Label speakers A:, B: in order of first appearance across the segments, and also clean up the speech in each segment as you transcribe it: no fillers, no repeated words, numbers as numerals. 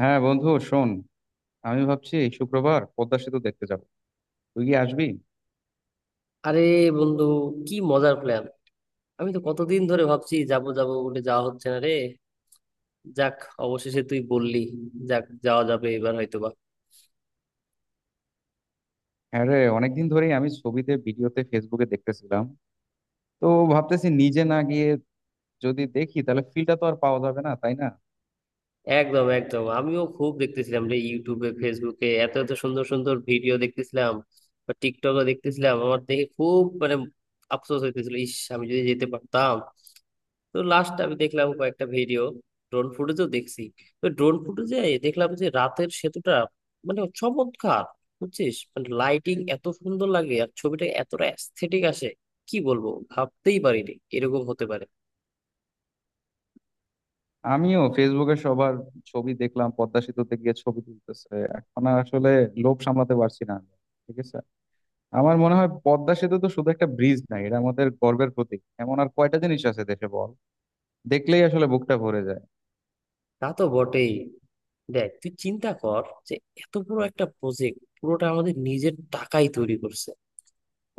A: হ্যাঁ বন্ধু শোন, আমি ভাবছি এই শুক্রবার পদ্মা সেতু দেখতে যাব। তুই কি আসবি?
B: আরে বন্ধু, কি মজার প্ল্যান! আমি তো কতদিন ধরে ভাবছি যাবো যাবো বলে যাওয়া হচ্ছে না রে। যাক, অবশেষে তুই বললি। যাক, যাওয়া যাবে এবার হয়তোবা।
A: হ্যাঁ রে, অনেকদিন ধরেই আমি ছবিতে ভিডিওতে ফেসবুকে দেখতেছিলাম। তো ভাবতেছি, নিজে না গিয়ে যদি দেখি তাহলে ফিলটা তো আর পাওয়া যাবে না, তাই না?
B: একদম একদম, আমিও খুব দেখতেছিলাম রে, ইউটিউবে ফেসবুকে এত এত সুন্দর সুন্দর ভিডিও দেখতেছিলাম। বা টিকটকও দেখতেছিলাম। আমার দেখে খুব মানে আফসোস হইতেছিল, ইস আমি যদি যেতে পারতাম। তো লাস্ট আমি দেখলাম কয়েকটা ভিডিও, ড্রোন ফুটেজও দেখছি। তো ড্রোন ফুটেজে দেখলাম যে রাতের সেতুটা মানে চমৎকার। বুঝছিস, মানে লাইটিং এত সুন্দর লাগে আর ছবিটা এতটা অ্যাস্থেটিক আসে, কি বলবো। ভাবতেই পারিনি এরকম হতে পারে।
A: আমিও ফেসবুকে সবার ছবি দেখলাম, পদ্মা সেতুতে গিয়ে ছবি তুলতেছে। এখন আর আসলে লোভ সামলাতে পারছি না আমি। ঠিক আছে, আমার মনে হয় পদ্মা সেতু তো শুধু একটা ব্রিজ নাই, এটা আমাদের গর্বের প্রতীক। এমন আর কয়টা জিনিস আছে দেশে, বল? দেখলেই আসলে বুকটা ভরে যায়।
B: তা তো বটেই। দেখ তুই চিন্তা কর যে এত বড় একটা প্রজেক্ট পুরোটা আমাদের নিজের টাকাই তৈরি করছে।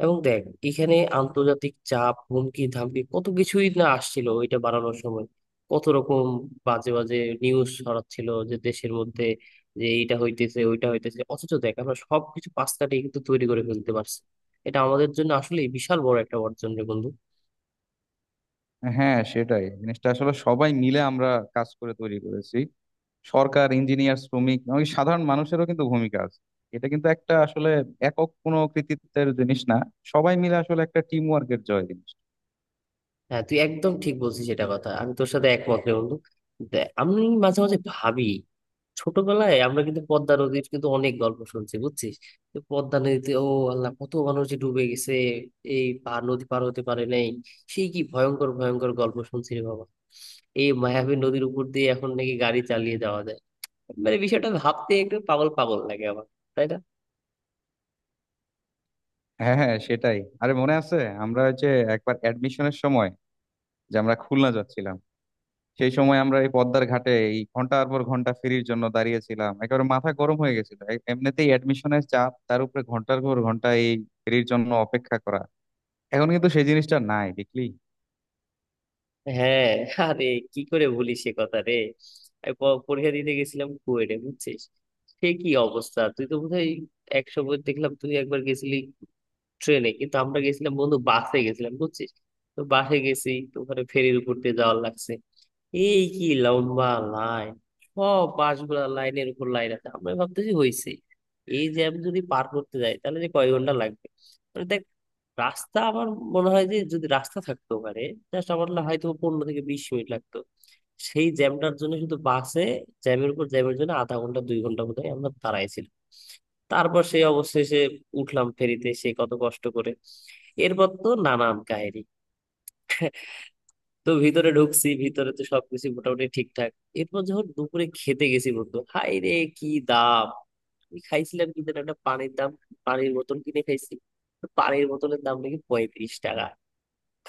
B: এবং দেখ, এখানে আন্তর্জাতিক চাপ, হুমকি ধামকি কত কিছুই না আসছিল ওইটা বানানোর সময়। কত রকম বাজে বাজে নিউজ ছড়াচ্ছিল যে দেশের মধ্যে, যে এইটা হইতেছে ওইটা হইতেছে, অথচ দেখ আমরা সবকিছু পাশ কাটিয়ে কিন্তু তৈরি করে ফেলতে পারছি। এটা আমাদের জন্য আসলে বিশাল বড় একটা অর্জন রে বন্ধু।
A: হ্যাঁ, সেটাই। জিনিসটা আসলে সবাই মিলে আমরা কাজ করে তৈরি করেছি। সরকার, ইঞ্জিনিয়ার, শ্রমিক, এমনকি সাধারণ মানুষেরও কিন্তু ভূমিকা আছে। এটা কিন্তু একটা আসলে একক কোনো কৃতিত্বের জিনিস না, সবাই মিলে আসলে একটা টিম ওয়ার্কের জয় জিনিস।
B: হ্যাঁ, তুই একদম ঠিক বলছিস, এটা কথা আমি তোর সাথে একমত রে বন্ধু। দেখ, আমি মাঝে মাঝে ভাবি, ছোটবেলায় আমরা কিন্তু পদ্মা নদীর কিন্তু অনেক গল্প শুনছি বুঝছিস। তো পদ্মা নদীতে ও আল্লাহ, কত মানুষ যে ডুবে গেছে, এই পার নদী পার হতে পারে নাই। সেই কি ভয়ঙ্কর ভয়ঙ্কর গল্প শুনছি রে বাবা। এই মায়াবী নদীর উপর দিয়ে এখন নাকি গাড়ি চালিয়ে যাওয়া যায়, মানে বিষয়টা ভাবতে একটু পাগল পাগল লাগে আমার, তাই না?
A: হ্যাঁ হ্যাঁ, সেটাই। আরে মনে আছে আমরা ওই যে একবার অ্যাডমিশনের সময় যে আমরা খুলনা যাচ্ছিলাম, সেই সময় আমরা এই পদ্মার ঘাটে এই ঘন্টার পর ঘন্টা ফেরির জন্য দাঁড়িয়েছিলাম, একেবারে মাথা গরম হয়ে গেছিল। এমনিতেই অ্যাডমিশনের চাপ, তার উপরে ঘন্টার পর ঘন্টা এই ফেরির জন্য অপেক্ষা করা। এখন কিন্তু সেই জিনিসটা নাই, দেখলি?
B: হ্যাঁ। আরে কি করে ভুলিস সে কথা রে। আমি পরীক্ষা দিতে গেছিলাম কুয়েটে, বুঝছিস। সে কি অবস্থা! তুই তো বোধহয়, এক সময় দেখলাম তুই একবার গেছিলি ট্রেনে, কিন্তু আমরা গেছিলাম বন্ধু বাসে গেছিলাম বুঝছিস। তো বাসে গেছি তো ওখানে ফেরির উপর দিয়ে যাওয়ার লাগছে। এই কি লম্বা লাইন! সব বাসগুলা লাইনের উপর লাইন আছে। আমরা ভাবতেছি হয়েছে, এই জ্যাম যদি পার করতে যাই তাহলে যে কয় ঘন্টা লাগবে। মানে দেখ, রাস্তা আমার মনে হয় যে যদি রাস্তা থাকতো পারে, জাস্ট আমার না হয়তো 15 থেকে 20 মিনিট লাগতো। সেই জ্যামটার জন্য শুধু বাসে, জ্যামের উপর জ্যামের জন্য আধা ঘন্টা 2 ঘন্টা বোধ হয় আমরা দাঁড়াইছিলাম। তারপর সেই অবশেষে উঠলাম ফেরিতে, সে কত কষ্ট করে। এরপর তো নানান কাহিনী। তো ভিতরে ঢুকছি, ভিতরে তো সবকিছু মোটামুটি ঠিকঠাক। এরপর যখন দুপুরে খেতে গেছি বন্ধু, হাই রে কি দাম! আমি খাইছিলাম কি যেন একটা, পানির দাম, পানির বোতল কিনে খাইছি, তো পানির বোতলের দাম নাকি 35 টাকা।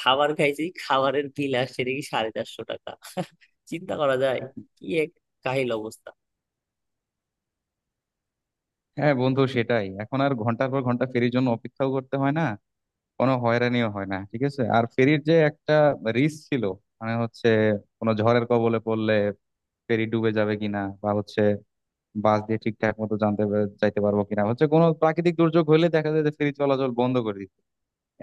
B: খাবার খাইছি, খাবারের বিল আসছে নাকি 450 টাকা। চিন্তা করা যায়? কি এক কাহিল অবস্থা।
A: হ্যাঁ বন্ধু সেটাই, এখন আর ঘন্টার পর ঘন্টা ফেরির জন্য অপেক্ষাও করতে হয় না, কোনো হয়রানিও হয় না। ঠিক আছে, আর ফেরির যে একটা রিস্ক ছিল, মানে হচ্ছে কোনো ঝড়ের কবলে পড়লে ফেরি ডুবে যাবে কিনা, বা হচ্ছে বাস দিয়ে ঠিকঠাক মতো যাইতে পারবো কিনা, হচ্ছে কোনো প্রাকৃতিক দুর্যোগ হলে দেখা যায় যে ফেরি চলাচল বন্ধ করে দিচ্ছে।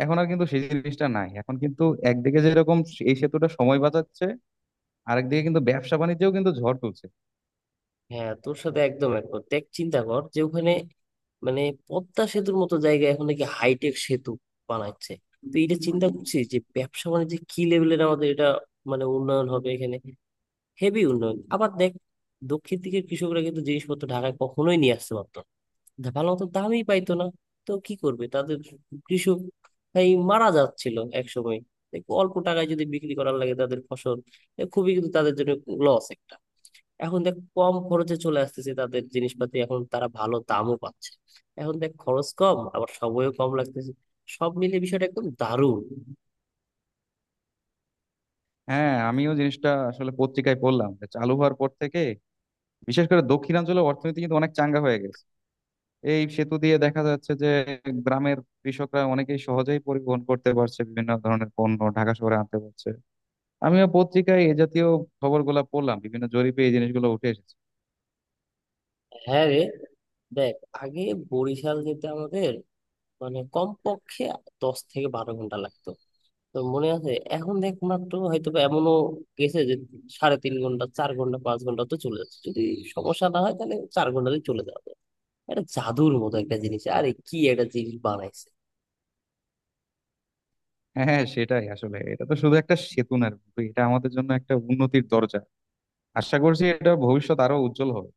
A: এখন আর কিন্তু সেই জিনিসটা নাই। এখন কিন্তু একদিকে যেরকম এই সেতুটা সময় বাঁচাচ্ছে, আরেকদিকে কিন্তু ব্যবসা বাণিজ্যেও কিন্তু ঝড় তুলছে।
B: হ্যাঁ তোর সাথে একদম একমত। দেখ চিন্তা কর যে ওখানে, মানে পদ্মা সেতুর মতো জায়গায় এখন নাকি হাইটেক সেতু বানাচ্ছে। তো এটা চিন্তা করছি যে ব্যবসা বাণিজ্যে কি লেভেলের আমাদের এটা মানে উন্নয়ন হবে এখানে, হেভি উন্নয়ন। আবার দেখ, দক্ষিণ দিকের কৃষকরা কিন্তু জিনিসপত্র ঢাকায় কখনোই নিয়ে আসতে পারতো না। ভালো মতো দামই পাইতো না। তো কি করবে তাদের কৃষক, এই মারা যাচ্ছিল এক সময়। অল্প টাকায় যদি বিক্রি করার লাগে তাদের ফসল, এ খুবই কিন্তু তাদের জন্য লস একটা। এখন দেখ কম খরচে চলে আসতেছে তাদের জিনিসপাতি, এখন তারা ভালো দামও পাচ্ছে। এখন দেখ খরচ কম, আবার সময়ও কম লাগতেছে। সব মিলে বিষয়টা একদম দারুণ।
A: হ্যাঁ, আমিও জিনিসটা আসলে পত্রিকায় পড়লাম যে চালু হওয়ার পর থেকে বিশেষ করে দক্ষিণাঞ্চলের অর্থনীতি কিন্তু অনেক চাঙ্গা হয়ে গেছে। এই সেতু দিয়ে দেখা যাচ্ছে যে গ্রামের কৃষকরা অনেকেই সহজেই পরিবহন করতে পারছে, বিভিন্ন ধরনের পণ্য ঢাকা শহরে আনতে পারছে। আমিও পত্রিকায় এই জাতীয় খবরগুলো পড়লাম, বিভিন্ন জরিপে এই জিনিসগুলো উঠে এসেছে।
B: হ্যাঁ রে। দেখ আগে বরিশাল যেতে আমাদের মানে কমপক্ষে 10 থেকে 12 ঘন্টা লাগতো, তো মনে আছে। এখন দেখ মাত্র হয়তো বা, এমনও গেছে যে 3.5 ঘন্টা, 4 ঘন্টা, 5 ঘন্টা তো চলে যাচ্ছে। যদি সমস্যা না হয় তাহলে 4 ঘন্টাতে চলে যাবে। এটা জাদুর মতো একটা জিনিস, আরে কি একটা জিনিস বানাইছে!
A: হ্যাঁ সেটাই, আসলে এটা তো শুধু একটা সেতু না রে বন্ধু, এটা আমাদের জন্য একটা উন্নতির দরজা। আশা করছি এটা ভবিষ্যৎ আরো উজ্জ্বল হবে।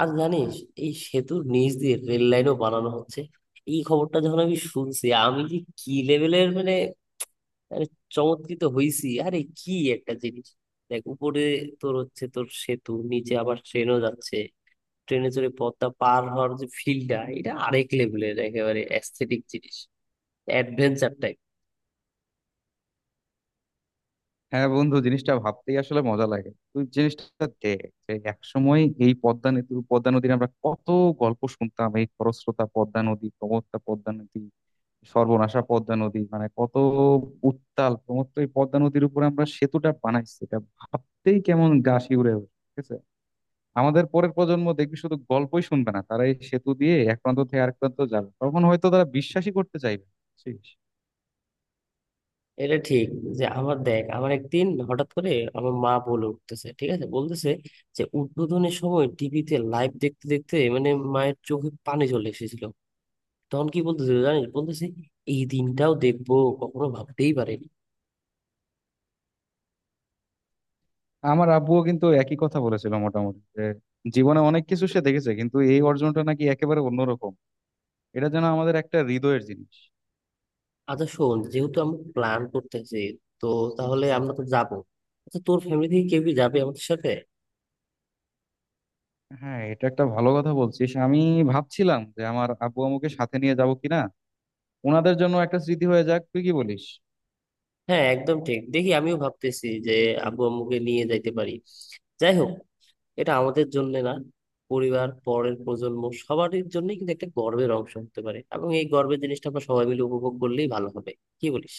B: আর জানিস, এই সেতুর নিচ দিয়ে রেল লাইনও বানানো হচ্ছে। এই খবরটা যখন আমি শুনছি, আমি যে কি লেভেলের মানে, মানে চমৎকৃত হইছি। আরে কি একটা জিনিস! দেখ উপরে তোর হচ্ছে তোর সেতু, নিচে আবার ট্রেনও যাচ্ছে। ট্রেনে চড়ে পথটা পার হওয়ার যে ফিলটা, এটা আরেক লেভেলের একেবারে অ্যাস্থেটিক জিনিস, অ্যাডভেঞ্চার।
A: হ্যাঁ বন্ধু, জিনিসটা ভাবতেই আসলে মজা লাগে। তুই জিনিসটা দেখ, যে একসময় এই পদ্মা নদীর আমরা কত গল্প শুনতাম, এই খরস্রোতা পদ্মা নদী, প্রমত্তা পদ্মা নদী, সর্বনাশা পদ্মা নদী, মানে কত উত্তাল প্রমত্ত এই পদ্মা নদীর উপরে আমরা সেতুটা বানাইছি, এটা ভাবতেই কেমন গা শিউরে ওঠে, ঠিক আছে। আমাদের পরের প্রজন্ম দেখবি শুধু গল্পই শুনবে না, তারা এই সেতু দিয়ে এক প্রান্ত থেকে আরেক প্রান্ত যাবে, তখন হয়তো তারা বিশ্বাসই করতে চাইবে না, বুঝছিস?
B: এটা ঠিক। যে আমার, দেখ আমার একদিন হঠাৎ করে আমার মা বলে উঠতেছে, ঠিক আছে বলতেছে যে উদ্বোধনের সময় টিভিতে লাইভ দেখতে দেখতে মানে মায়ের চোখে পানি চলে এসেছিল। তখন কি বলতেছে জানিস, বলতেছে এই দিনটাও দেখবো কখনো ভাবতেই পারিনি।
A: আমার আব্বুও কিন্তু একই কথা বলেছিল মোটামুটি, যে জীবনে অনেক কিছু সে দেখেছে, কিন্তু এই অর্জনটা নাকি একেবারে অন্যরকম। এটা যেন আমাদের একটা হৃদয়ের জিনিস।
B: আচ্ছা শোন, যেহেতু আমরা প্ল্যান করতেছি, তো তাহলে আমরা তো যাবো, আচ্ছা তোর ফ্যামিলি থেকে কেউ কি যাবে আমাদের সাথে?
A: হ্যাঁ, এটা একটা ভালো কথা বলছিস। আমি ভাবছিলাম যে আমার আব্বু আম্মুকে সাথে নিয়ে যাব কিনা, ওনাদের জন্য একটা স্মৃতি হয়ে যাক। তুই কি বলিস?
B: হ্যাঁ একদম ঠিক, দেখি আমিও ভাবতেছি যে আব্বু আম্মুকে নিয়ে যাইতে পারি। যাই হোক, এটা আমাদের জন্য না, পরিবার, পরের প্রজন্ম সবারই জন্য কিন্তু একটা গর্বের অংশ হতে পারে, এবং এই গর্বের জিনিসটা আমরা সবাই মিলে উপভোগ করলেই ভালো হবে। কি বলিস?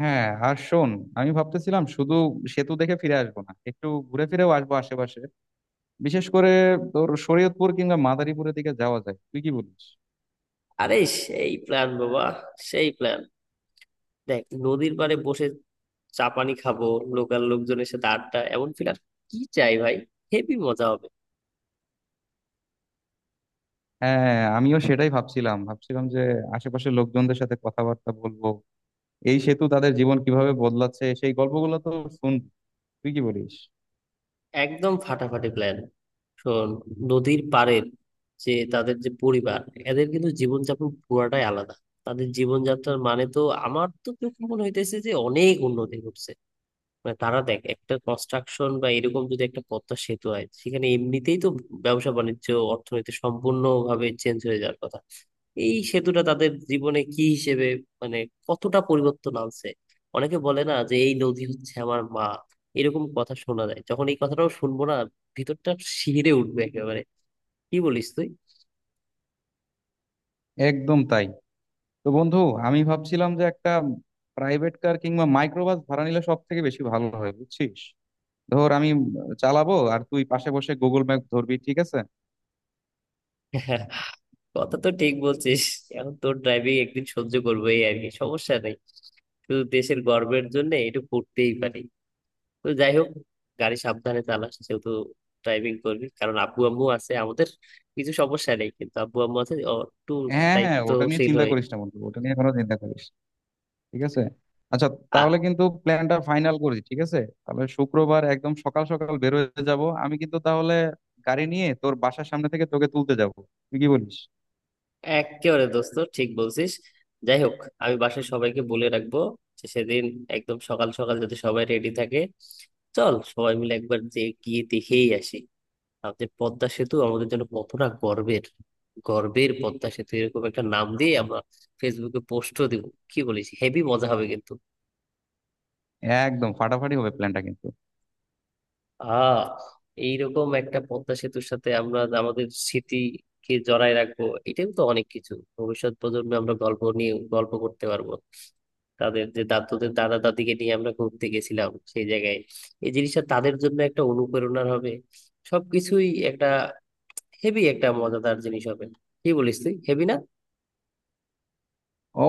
A: হ্যাঁ আর শোন, আমি ভাবতেছিলাম শুধু সেতু দেখে ফিরে আসবো না, একটু ঘুরে ফিরেও আসবো আশেপাশে। বিশেষ করে তোর শরীয়তপুর কিংবা মাদারীপুরের দিকে যাওয়া যায়। তুই কি বলিস?
B: আরে, সেই প্ল্যান বাবা, সেই প্ল্যান। দেখ নদীর পাড়ে বসে চা পানি খাবো, লোকাল লোকজনের সাথে আড্ডা, এমন ফিল আর কি চাই ভাই। হেভি মজা হবে।
A: হ্যাঁ আমিও সেটাই ভাবছিলাম, ভাবছিলাম যে আশেপাশের লোকজনদের সাথে কথাবার্তা বলবো, এই সেতু তাদের জীবন কিভাবে বদলাচ্ছে সেই গল্পগুলো তো শুন। তুই কি বলিস?
B: একদম ফাটাফাটি প্ল্যান। শোন, নদীর পাড়ের যে, তাদের যে পরিবার, এদের কিন্তু জীবনযাপন পুরাটাই আলাদা। তাদের জীবনযাত্রার মানে তো, আমার তো চোখে মনে হইতেছে যে অনেক উন্নতি ঘটছে। মানে তারা দেখ, একটা কনস্ট্রাকশন বা এরকম যদি একটা পদ্মা সেতু হয় সেখানে, এমনিতেই তো ব্যবসা বাণিজ্য অর্থনীতি সম্পূর্ণভাবে চেঞ্জ হয়ে যাওয়ার কথা। এই সেতুটা তাদের জীবনে কি হিসেবে মানে কতটা পরিবর্তন আনছে। অনেকে বলে না যে এই নদী হচ্ছে আমার মা, এরকম কথা শোনা যায়, যখন এই কথাটাও শুনবো না, ভিতরটা শিহরে উঠবে একেবারে। কি বলিস তুই?
A: একদম তাই। তো বন্ধু, আমি ভাবছিলাম যে একটা প্রাইভেট কার কিংবা মাইক্রোবাস ভাড়া নিলে সব থেকে বেশি ভালো হয়, বুঝছিস? ধর আমি চালাবো, আর তুই পাশে বসে গুগল ম্যাপ ধরবি, ঠিক আছে?
B: কথা তো ঠিক বলছিস। এখন তোর ড্রাইভিং একদিন সহ্য করবো, এই আর কি, সমস্যা নেই। শুধু দেশের গর্বের জন্য এটা করতেই পারি। তো যাই হোক, গাড়ি সাবধানে চালাস যেহেতু ড্রাইভিং করবি, কারণ আব্বু আম্মু আছে আমাদের। কিছু সমস্যা নেই কিন্তু আব্বু আম্মু আছে, ও একটু
A: হ্যাঁ হ্যাঁ, ওটা নিয়ে
B: দায়িত্বশীল
A: চিন্তা
B: হয়ে।
A: করিস না বন্ধু, ওটা নিয়ে কোনো চিন্তা করিস না। ঠিক আছে। আচ্ছা,
B: আ,
A: তাহলে কিন্তু প্ল্যানটা ফাইনাল করি, ঠিক আছে? তাহলে শুক্রবার একদম সকাল সকাল বের হয়ে যাব। আমি কিন্তু তাহলে গাড়ি নিয়ে তোর বাসার সামনে থেকে তোকে তুলতে যাব। তুই কি বলিস?
B: একেবারে দোস্ত, ঠিক বলছিস। যাই হোক, আমি বাসায় সবাইকে বলে রাখবো যে সেদিন একদম সকাল সকাল যদি সবাই রেডি থাকে, চল সবাই মিলে একবার যে গিয়ে দেখেই আসি, আমাদের পদ্মা সেতু আমাদের জন্য কতটা গর্বের। গর্বের পদ্মা সেতু, এরকম একটা নাম দিয়ে আমরা ফেসবুকে পোস্টও দিব। কি বলিস, হেভি মজা হবে কিন্তু।
A: একদম ফাটাফাটি হবে প্ল্যানটা কিন্তু।
B: আহ, এইরকম একটা পদ্মা সেতুর সাথে আমরা আমাদের স্মৃতিকে জড়ায় রাখবো, এটাই তো অনেক কিছু। ভবিষ্যৎ প্রজন্মে আমরা গল্প নিয়ে গল্প করতে পারবো, তাদের যে দাদুদের দাদা দাদিকে নিয়ে আমরা ঘুরতে গেছিলাম সেই জায়গায়। এই জিনিসটা তাদের জন্য একটা অনুপ্রেরণার হবে। সবকিছুই একটা হেভি একটা মজাদার জিনিস হবে। কি বলিস তুই, হেভি না?